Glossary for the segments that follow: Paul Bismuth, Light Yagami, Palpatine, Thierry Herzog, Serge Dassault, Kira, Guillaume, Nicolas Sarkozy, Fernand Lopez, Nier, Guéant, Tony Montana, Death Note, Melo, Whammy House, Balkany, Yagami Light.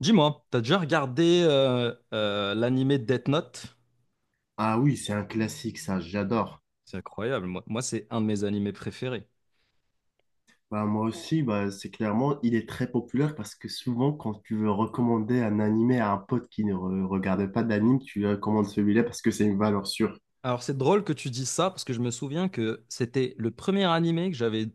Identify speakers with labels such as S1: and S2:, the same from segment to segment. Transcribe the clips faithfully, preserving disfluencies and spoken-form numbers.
S1: Dis-moi, t'as déjà regardé euh, euh, l'animé Death Note?
S2: Ah oui, c'est un classique, ça, j'adore.
S1: C'est incroyable, moi, moi, c'est un de mes animés préférés.
S2: Bah, moi aussi, bah, c'est clairement, il est très populaire parce que souvent, quand tu veux recommander un animé à un pote qui ne re- regarde pas d'anime, tu lui recommandes celui-là parce que c'est une valeur sûre.
S1: Alors c'est drôle que tu dis ça parce que je me souviens que c'était le premier animé que j'avais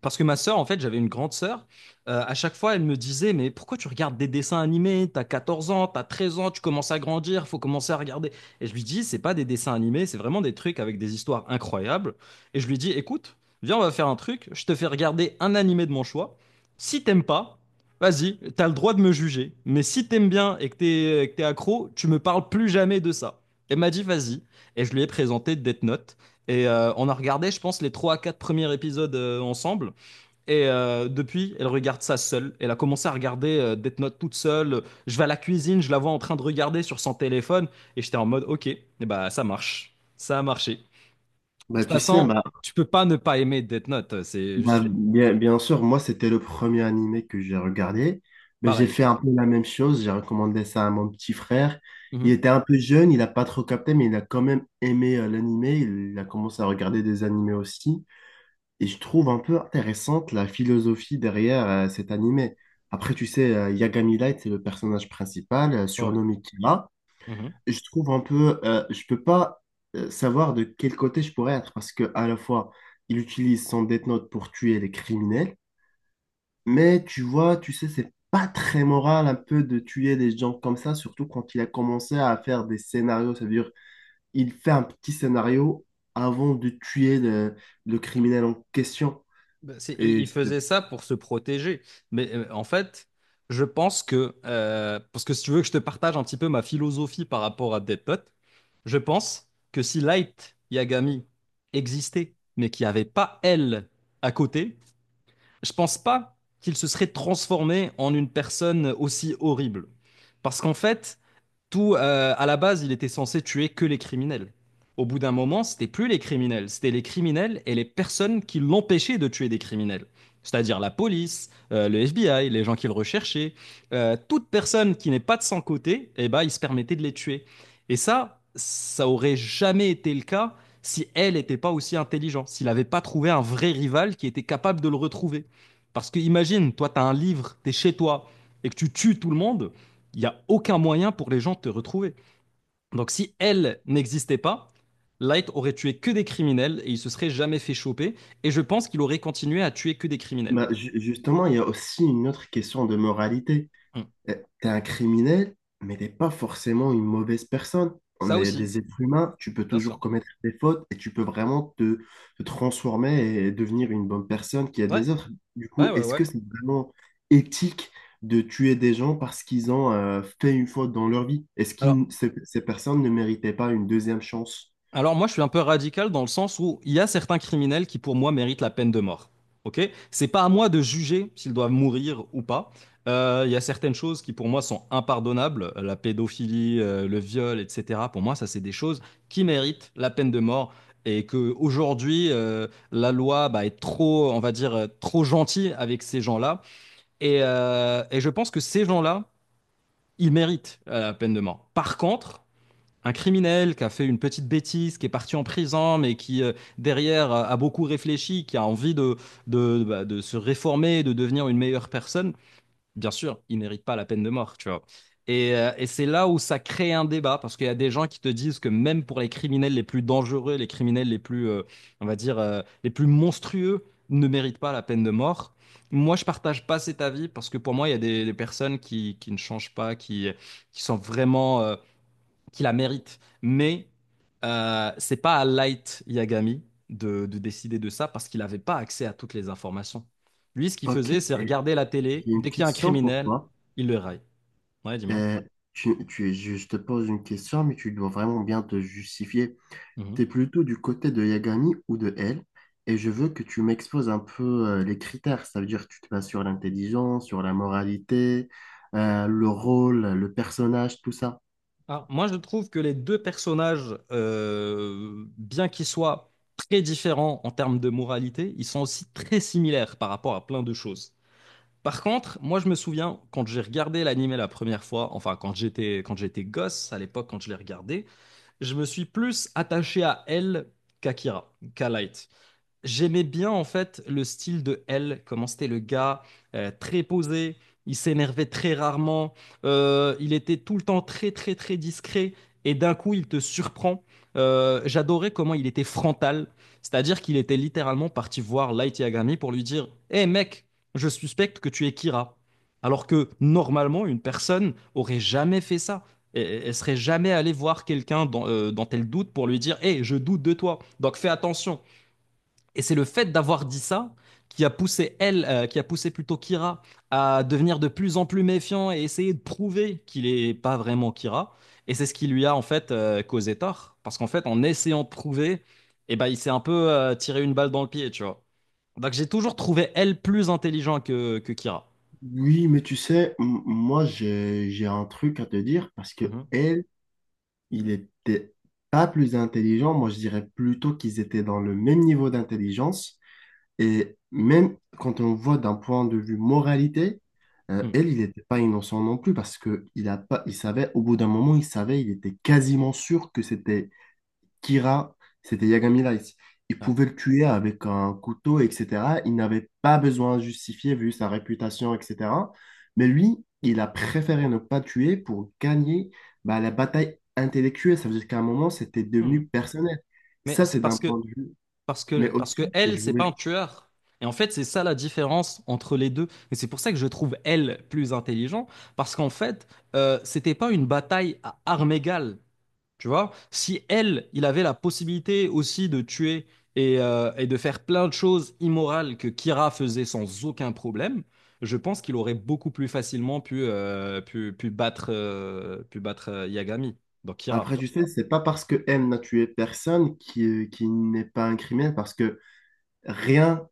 S1: parce que ma sœur en fait j'avais une grande sœur euh, à chaque fois elle me disait mais pourquoi tu regardes des dessins animés t'as quatorze ans t'as treize ans tu commences à grandir faut commencer à regarder et je lui dis c'est pas des dessins animés c'est vraiment des trucs avec des histoires incroyables et je lui dis écoute viens on va faire un truc je te fais regarder un animé de mon choix si t'aimes pas vas-y t'as le droit de me juger mais si t'aimes bien et que t'es que t'es accro tu me parles plus jamais de ça elle m'a dit vas-y et je lui ai présenté Death Note. Et euh, on a regardé, je pense, les trois à quatre premiers épisodes euh, ensemble. Et euh, depuis, elle regarde ça seule. Elle a commencé à regarder euh, Death Note toute seule. Je vais à la cuisine, je la vois en train de regarder sur son téléphone. Et j'étais en mode, ok, et bah, ça marche. Ça a marché. De
S2: Bah,
S1: toute
S2: tu sais,
S1: façon,
S2: bah,
S1: tu peux pas ne pas aimer Death Note. C'est juste
S2: bah,
S1: une...
S2: bien, bien sûr, moi, c'était le premier animé que j'ai regardé. Mais j'ai
S1: pareil.
S2: fait un peu la même chose, j'ai recommandé ça à mon petit frère. Il
S1: Mhm.
S2: était un peu jeune, il n'a pas trop capté, mais il a quand même aimé euh, l'animé. Il a commencé à regarder des animés aussi. Et je trouve un peu intéressante la philosophie derrière euh, cet animé. Après, tu sais, euh, Yagami Light, c'est le personnage principal, euh,
S1: Ouais.
S2: surnommé Kira.
S1: Mhm.
S2: Et Je trouve un peu, euh, je peux pas euh, savoir de quel côté je pourrais être parce que à la fois, il utilise son Death Note pour tuer les criminels, mais tu vois, tu sais, c'est pas très moral un peu de tuer des gens comme ça, surtout quand il a commencé à faire des scénarios. Ça veut dire, il fait un petit scénario avant de tuer le, le criminel en question.
S1: Ben, c'est- il,
S2: Et
S1: il faisait ça pour se protéger. Mais euh, en fait, je pense que, euh, parce que si tu veux que je te partage un petit peu ma philosophie par rapport à Dead Note, je pense que si Light Yagami existait, mais qu'il n'y avait pas elle à côté, je pense pas qu'il se serait transformé en une personne aussi horrible. Parce qu'en fait, tout, euh, à la base, il était censé tuer que les criminels. Au bout d'un moment, c'était plus les criminels, c'était les criminels et les personnes qui l'empêchaient de tuer des criminels. C'est-à-dire la police, euh, le F B I, les gens qui le recherchaient, euh, toute personne qui n'est pas de son côté, eh ben, il se permettait de les tuer. Et ça, ça aurait jamais été le cas si elle n'était pas aussi intelligente, s'il n'avait pas trouvé un vrai rival qui était capable de le retrouver. Parce que imagine, toi, tu as un livre, tu es chez toi et que tu tues tout le monde, il n'y a aucun moyen pour les gens de te retrouver. Donc si elle n'existait pas, Light aurait tué que des criminels et il se serait jamais fait choper. Et je pense qu'il aurait continué à tuer que des criminels.
S2: Bah, ju- justement, il y a aussi une autre question de moralité.
S1: Hmm.
S2: Euh, T'es un criminel, mais t'es pas forcément une mauvaise personne. On
S1: Ça
S2: est
S1: aussi,
S2: des êtres humains, tu peux
S1: bien
S2: toujours
S1: sûr.
S2: commettre des fautes et tu peux vraiment te, te transformer et devenir une bonne personne qui aide
S1: Ouais,
S2: les autres. Du coup,
S1: ouais, ouais,
S2: est-ce
S1: ouais.
S2: que c'est vraiment éthique de tuer des gens parce qu'ils ont euh, fait une faute dans leur vie? Est-ce que
S1: Alors,
S2: ces, ces personnes ne méritaient pas une deuxième chance?
S1: Alors moi, je suis un peu radical dans le sens où il y a certains criminels qui, pour moi, méritent la peine de mort. Ok? C'est pas à moi de juger s'ils doivent mourir ou pas. Euh, il y a certaines choses qui, pour moi, sont impardonnables. La pédophilie, euh, le viol, et cetera. Pour moi, ça, c'est des choses qui méritent la peine de mort. Et que aujourd'hui, euh, la loi bah, est trop, on va dire, euh, trop gentille avec ces gens-là. Et, euh, et je pense que ces gens-là, ils méritent euh, la peine de mort. Par contre, un criminel qui a fait une petite bêtise, qui est parti en prison, mais qui euh, derrière a a beaucoup réfléchi, qui a envie de, de, bah, de se réformer, de devenir une meilleure personne, bien sûr, il mérite pas la peine de mort, tu vois. Et, euh, et c'est là où ça crée un débat, parce qu'il y a des gens qui te disent que même pour les criminels les plus dangereux, les criminels les plus, euh, on va dire, euh, les plus monstrueux, ne méritent pas la peine de mort. Moi, je partage pas cet avis, parce que pour moi, il y a des, des personnes qui, qui ne changent pas, qui, qui sont vraiment... euh, qui la mérite. Mais euh, c'est pas à Light Yagami de, de décider de ça parce qu'il n'avait pas accès à toutes les informations. Lui, ce qu'il
S2: Ok,
S1: faisait, c'est
S2: et
S1: regarder la télé.
S2: j'ai une
S1: Dès qu'il y a un
S2: question pour
S1: criminel,
S2: toi.
S1: il le raille. Ouais, dis-moi.
S2: Euh, tu, tu- je te pose une question, mais tu dois vraiment bien te justifier. Tu
S1: Mhm.
S2: es plutôt du côté de Yagami ou de elle, et je veux que tu m'exposes un peu euh, les critères. Ça veut dire que tu te bases sur l'intelligence, sur la moralité, euh, le rôle, le personnage, tout ça.
S1: Alors, moi, je trouve que les deux personnages, euh, bien qu'ils soient très différents en termes de moralité, ils sont aussi très similaires par rapport à plein de choses. Par contre, moi, je me souviens, quand j'ai regardé l'animé la première fois, enfin, quand j'étais, quand j'étais gosse, à l'époque, quand je l'ai regardé, je me suis plus attaché à elle qu'à Kira, qu'à Light. J'aimais bien en fait le style de L, comment c'était le gars, euh, très posé, il s'énervait très rarement, euh, il était tout le temps très très très discret et d'un coup il te surprend. Euh, j'adorais comment il était frontal, c'est-à-dire qu'il était littéralement parti voir Light Yagami pour lui dire «Hé mec, je suspecte que tu es Kira». Alors que normalement une personne aurait jamais fait ça. Et- Elle serait jamais allée voir quelqu'un dans, euh, dont elle doute pour lui dire «Hé, je doute de toi, donc fais attention». Et c'est le fait d'avoir dit ça qui a poussé elle, euh, qui a poussé plutôt Kira à devenir de plus en plus méfiant et essayer de prouver qu'il n'est pas vraiment Kira. Et c'est ce qui lui a en fait euh, causé tort. Parce qu'en fait, en essayant de prouver, eh ben, il s'est un peu euh, tiré une balle dans le pied, tu vois. Donc j'ai toujours trouvé elle plus intelligente que, que Kira.
S2: Oui, mais tu sais, m- moi j'ai j'ai un truc à te dire parce que
S1: Mhm.
S2: elle, Il était pas plus intelligent, moi je dirais plutôt qu'ils étaient dans le même niveau d'intelligence. Et même quand on voit d'un point de vue moralité, euh,
S1: Mhm.
S2: elle, il n'était pas innocent non plus parce que il a pas, il savait, au bout d'un moment, il savait, il était quasiment sûr que c'était Kira, c'était Yagami Light. Il
S1: Ouais.
S2: pouvait le tuer avec un couteau, et cetera. Il n'avait pas besoin de justifier vu sa réputation, et cetera. Mais lui, il a préféré ne pas tuer pour gagner bah, la bataille intellectuelle. Ça veut dire qu'à un moment, c'était
S1: Mhm.
S2: devenu personnel.
S1: Mais
S2: Ça,
S1: c'est
S2: c'est d'un
S1: parce que
S2: point de vue.
S1: Parce
S2: Mais
S1: que, parce que
S2: aussi, et
S1: elle,
S2: je
S1: c'est pas
S2: voulais...
S1: un tueur. Et en fait, c'est ça la différence entre les deux. Et c'est pour ça que je trouve elle plus intelligent. Parce qu'en fait, euh, c'était pas une bataille à armes égales. Tu vois? Si elle, il avait la possibilité aussi de tuer et, euh, et de faire plein de choses immorales que Kira faisait sans aucun problème, je pense qu'il aurait beaucoup plus facilement pu, euh, pu, pu battre, euh, pu battre euh, Yagami. Donc Kira.
S2: Après, tu sais, c'est pas parce que M n'a tué personne qui, qui n'est pas un criminel, parce que rien,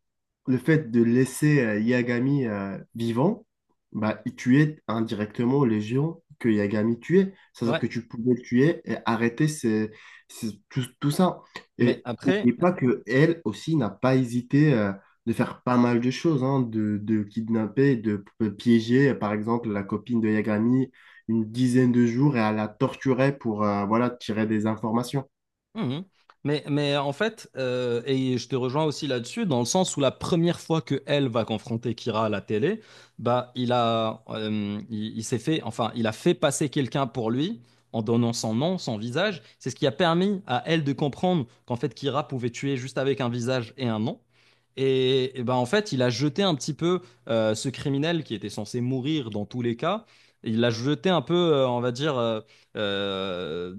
S2: le fait de laisser euh, Yagami euh, vivant, bah, il tuait indirectement les géants que Yagami tuait. C'est-à-dire
S1: Ouais.
S2: que tu pouvais le tuer et arrêter ces- ces- tout, tout ça.
S1: Mais
S2: Et
S1: après.
S2: n'oublie pas que elle aussi n'a pas hésité euh, de faire pas mal de choses, hein, de, de kidnapper, de p- euh, piéger, euh, par exemple, la copine de Yagami une dizaine de jours et à la torturer pour euh, voilà, tirer des informations.
S1: Mhm. Mais, mais en fait, euh, et je te rejoins aussi là-dessus, dans le sens où la première fois que elle va confronter Kira à la télé, bah il a, euh, il, il s'est fait, enfin, il a fait passer quelqu'un pour lui en donnant son nom, son visage. C'est ce qui a permis à elle de comprendre qu'en fait Kira pouvait tuer juste avec un visage et un nom. Et, et ben en fait, il a jeté un petit peu euh, ce criminel qui était censé mourir dans tous les cas. Il l'a jeté un peu, euh, on va dire. euh, euh,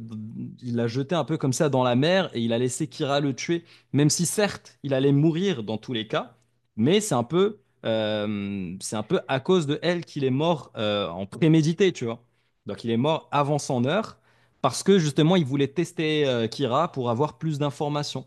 S1: il l'a jeté un peu comme ça dans la mer et il a laissé Kira le tuer, même si certes il allait mourir dans tous les cas, mais c'est un peu, euh, c'est un peu à cause de elle qu'il est mort euh, en prémédité, tu vois. Donc il est mort avant son heure parce que justement il voulait tester euh, Kira pour avoir plus d'informations.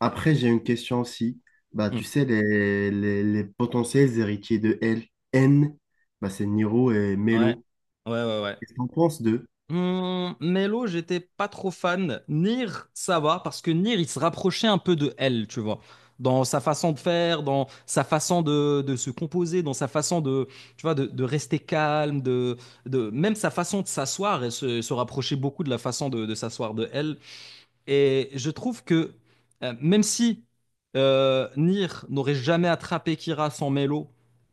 S2: Après, j'ai une question aussi. Bah,
S1: Hmm.
S2: tu sais, les, les, les potentiels héritiers de L, N, bah, c'est Niro et
S1: Ouais,
S2: Melo.
S1: ouais, ouais, ouais.
S2: Qu'est-ce qu'on pense d'eux?
S1: Hum, Melo, j'étais pas trop fan. Nier, ça va, parce que Nier, il se rapprochait un peu de elle, tu vois. Dans sa façon de faire, dans sa façon de, de se composer, dans sa façon de, tu vois, de, de rester calme, de, de, même sa façon de s'asseoir, elle se, se rapprochait beaucoup de la façon de, de s'asseoir de elle. Et je trouve que, euh, même si euh, Nier n'aurait jamais attrapé Kira sans Melo,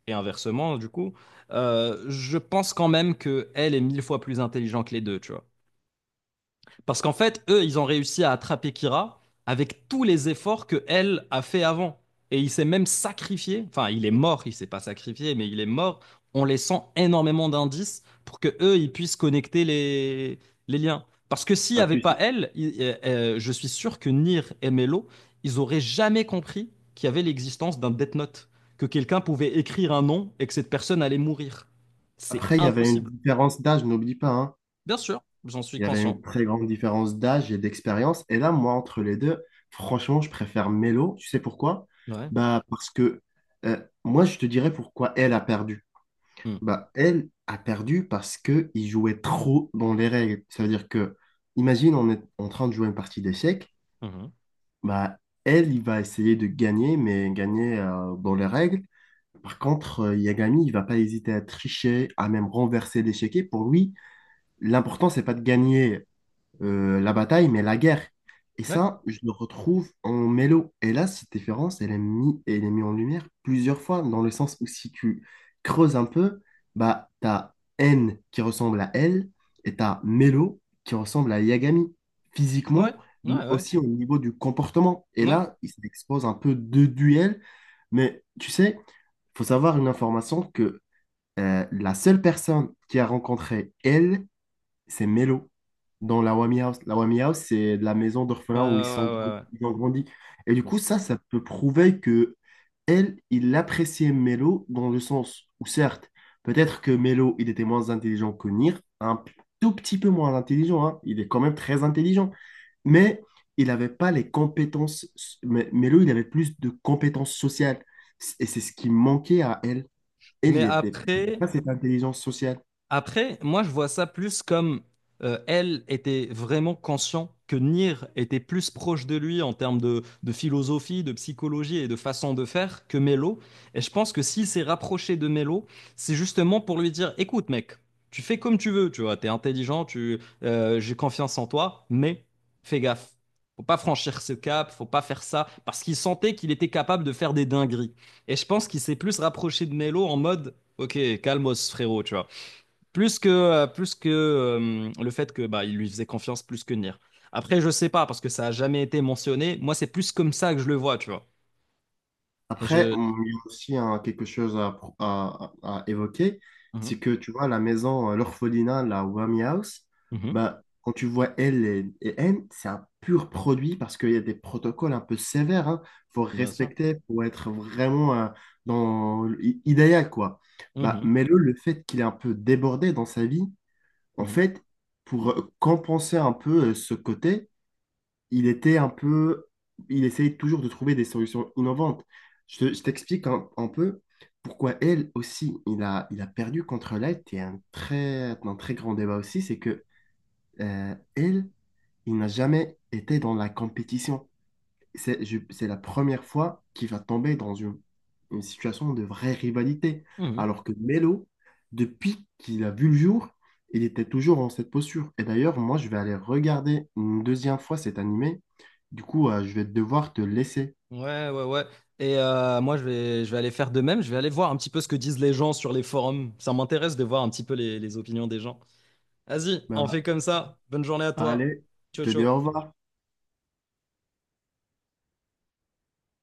S1: et inversement, du coup, euh, je pense quand même que elle est mille fois plus intelligente que les deux, tu vois. Parce qu'en fait, eux, ils ont réussi à attraper Kira avec tous les efforts que elle a fait avant. Et il s'est même sacrifié. Enfin, il est mort, il s'est pas sacrifié, mais il est mort en laissant énormément d'indices pour que eux, ils puissent connecter les, les liens. Parce que s'il n'y
S2: Bah,
S1: avait
S2: tu
S1: pas
S2: sais-
S1: elle, il- euh, euh, je suis sûr que Nier et Melo, ils auraient jamais compris qu'il y avait l'existence d'un Death Note, que quelqu'un pouvait écrire un nom et que cette personne allait mourir. C'est
S2: Après, il y avait une
S1: impossible.
S2: différence d'âge, n'oublie pas, hein.
S1: Bien sûr, j'en suis
S2: Il y avait
S1: conscient.
S2: une très grande différence d'âge et d'expérience. Et là, moi, entre les deux, franchement, je préfère Melo. Tu sais pourquoi?
S1: Ouais.
S2: Bah, parce que euh, moi, je te dirais pourquoi elle a perdu.
S1: Mm.
S2: Bah, elle a perdu parce que il jouait trop dans les règles. Ça veut dire que, imagine, on est en train de jouer une partie d'échecs.
S1: Mhm.
S2: Bah, elle, il va essayer de gagner, mais gagner euh, dans les règles. Par contre, euh, Yagami, il va pas hésiter à tricher, à même renverser l'échiquier. Pour lui, l'important, c'est pas de gagner euh, la bataille, mais la guerre. Et
S1: Ouais.
S2: ça, je le retrouve en Mélo. Et là, cette différence, elle est mise, elle est mise en lumière plusieurs fois, dans le sens où si tu creuses un peu, bah, t'as N qui ressemble à L et t'as Mélo qui ressemble à Yagami,
S1: Ouais,
S2: physiquement,
S1: ouais,
S2: mais
S1: ouais, ouais,
S2: aussi au niveau du comportement. Et
S1: ouais,
S2: là, il s'expose un peu deux duels, mais tu sais, faut savoir une information que euh, la seule personne qui a rencontré L c'est Mello, dans la Wami House. La Wami House, c'est de la maison
S1: ouais, ouais,
S2: d'orphelins où ils sont,
S1: ouais, ouais,
S2: ils ont grandi.
S1: je
S2: Et du coup,
S1: pense.
S2: ça, ça peut prouver que elle, il appréciait Melo dans le sens où, certes, peut-être que Melo, il était moins intelligent que Nir, un p- tout petit peu moins intelligent, hein. Il est quand même très intelligent, mais il n'avait pas les compétences. Mais Melo, il avait plus de compétences sociales. Et c'est ce qui manquait à elle. Elle,
S1: Mais
S2: il était
S1: après,
S2: pas cette intelligence sociale.
S1: Après, moi, je vois ça plus comme euh, elle était vraiment conscient que Nier était plus proche de lui en termes de, de philosophie, de psychologie et de façon de faire que Melo. Et je pense que s'il s'est rapproché de Melo, c'est justement pour lui dire, écoute, mec, tu fais comme tu veux, tu vois, t'es intelligent, tu, euh, j'ai confiance en toi, mais fais gaffe. Faut pas franchir ce cap, faut pas faire ça, parce qu'il sentait qu'il était capable de faire des dingueries. Et je pense qu'il s'est plus rapproché de Melo en mode, ok, calmos, frérot, tu vois. Plus que, euh, plus que euh, le fait que bah, il lui faisait confiance plus que Nier. Après, je sais pas, parce que ça a jamais été mentionné. Moi, c'est plus comme ça que je le vois, tu vois. Et
S2: Après,
S1: je.
S2: on- il y a aussi hein, quelque chose à, pro- à- à- à évoquer, c'est
S1: Mhm,
S2: que tu vois, la maison, euh, l'orphelinat, la Whammy House,
S1: mhm,
S2: bah, quand tu vois L et, et N, c'est un pur produit parce qu'il y a des protocoles un peu sévères. hein. faut
S1: bien sûr.
S2: respecter pour être vraiment euh, dans l'i- idéal, quoi. Bah,
S1: Mhm,
S2: mais le, le fait qu'il est un peu débordé dans sa vie, en
S1: mhm,
S2: fait, pour euh, compenser un peu euh, ce côté, il était un peu, il essayait toujours de trouver des solutions innovantes. Je, te- je t'explique un, un peu pourquoi elle aussi, il a, il a perdu contre Light et un très, un très grand débat aussi, c'est que euh, elle, il n'a jamais été dans la compétition. C'est je- c'est la première fois qu'il va tomber dans une, une situation de vraie rivalité.
S1: mhm.
S2: Alors que Melo, depuis qu'il a vu le jour, il était toujours en cette posture. Et d'ailleurs, moi, je vais aller regarder une deuxième fois cet animé. Du coup, euh, je vais devoir te laisser.
S1: Ouais, ouais, ouais. Et euh, moi, je vais, je vais aller faire de même. Je vais aller voir un petit peu ce que disent les gens sur les forums. Ça m'intéresse de voir un petit peu les, les opinions des gens. Vas-y, on
S2: Bah,
S1: fait comme ça. Bonne journée à toi.
S2: allez, je
S1: Ciao,
S2: te dis au
S1: ciao.
S2: revoir.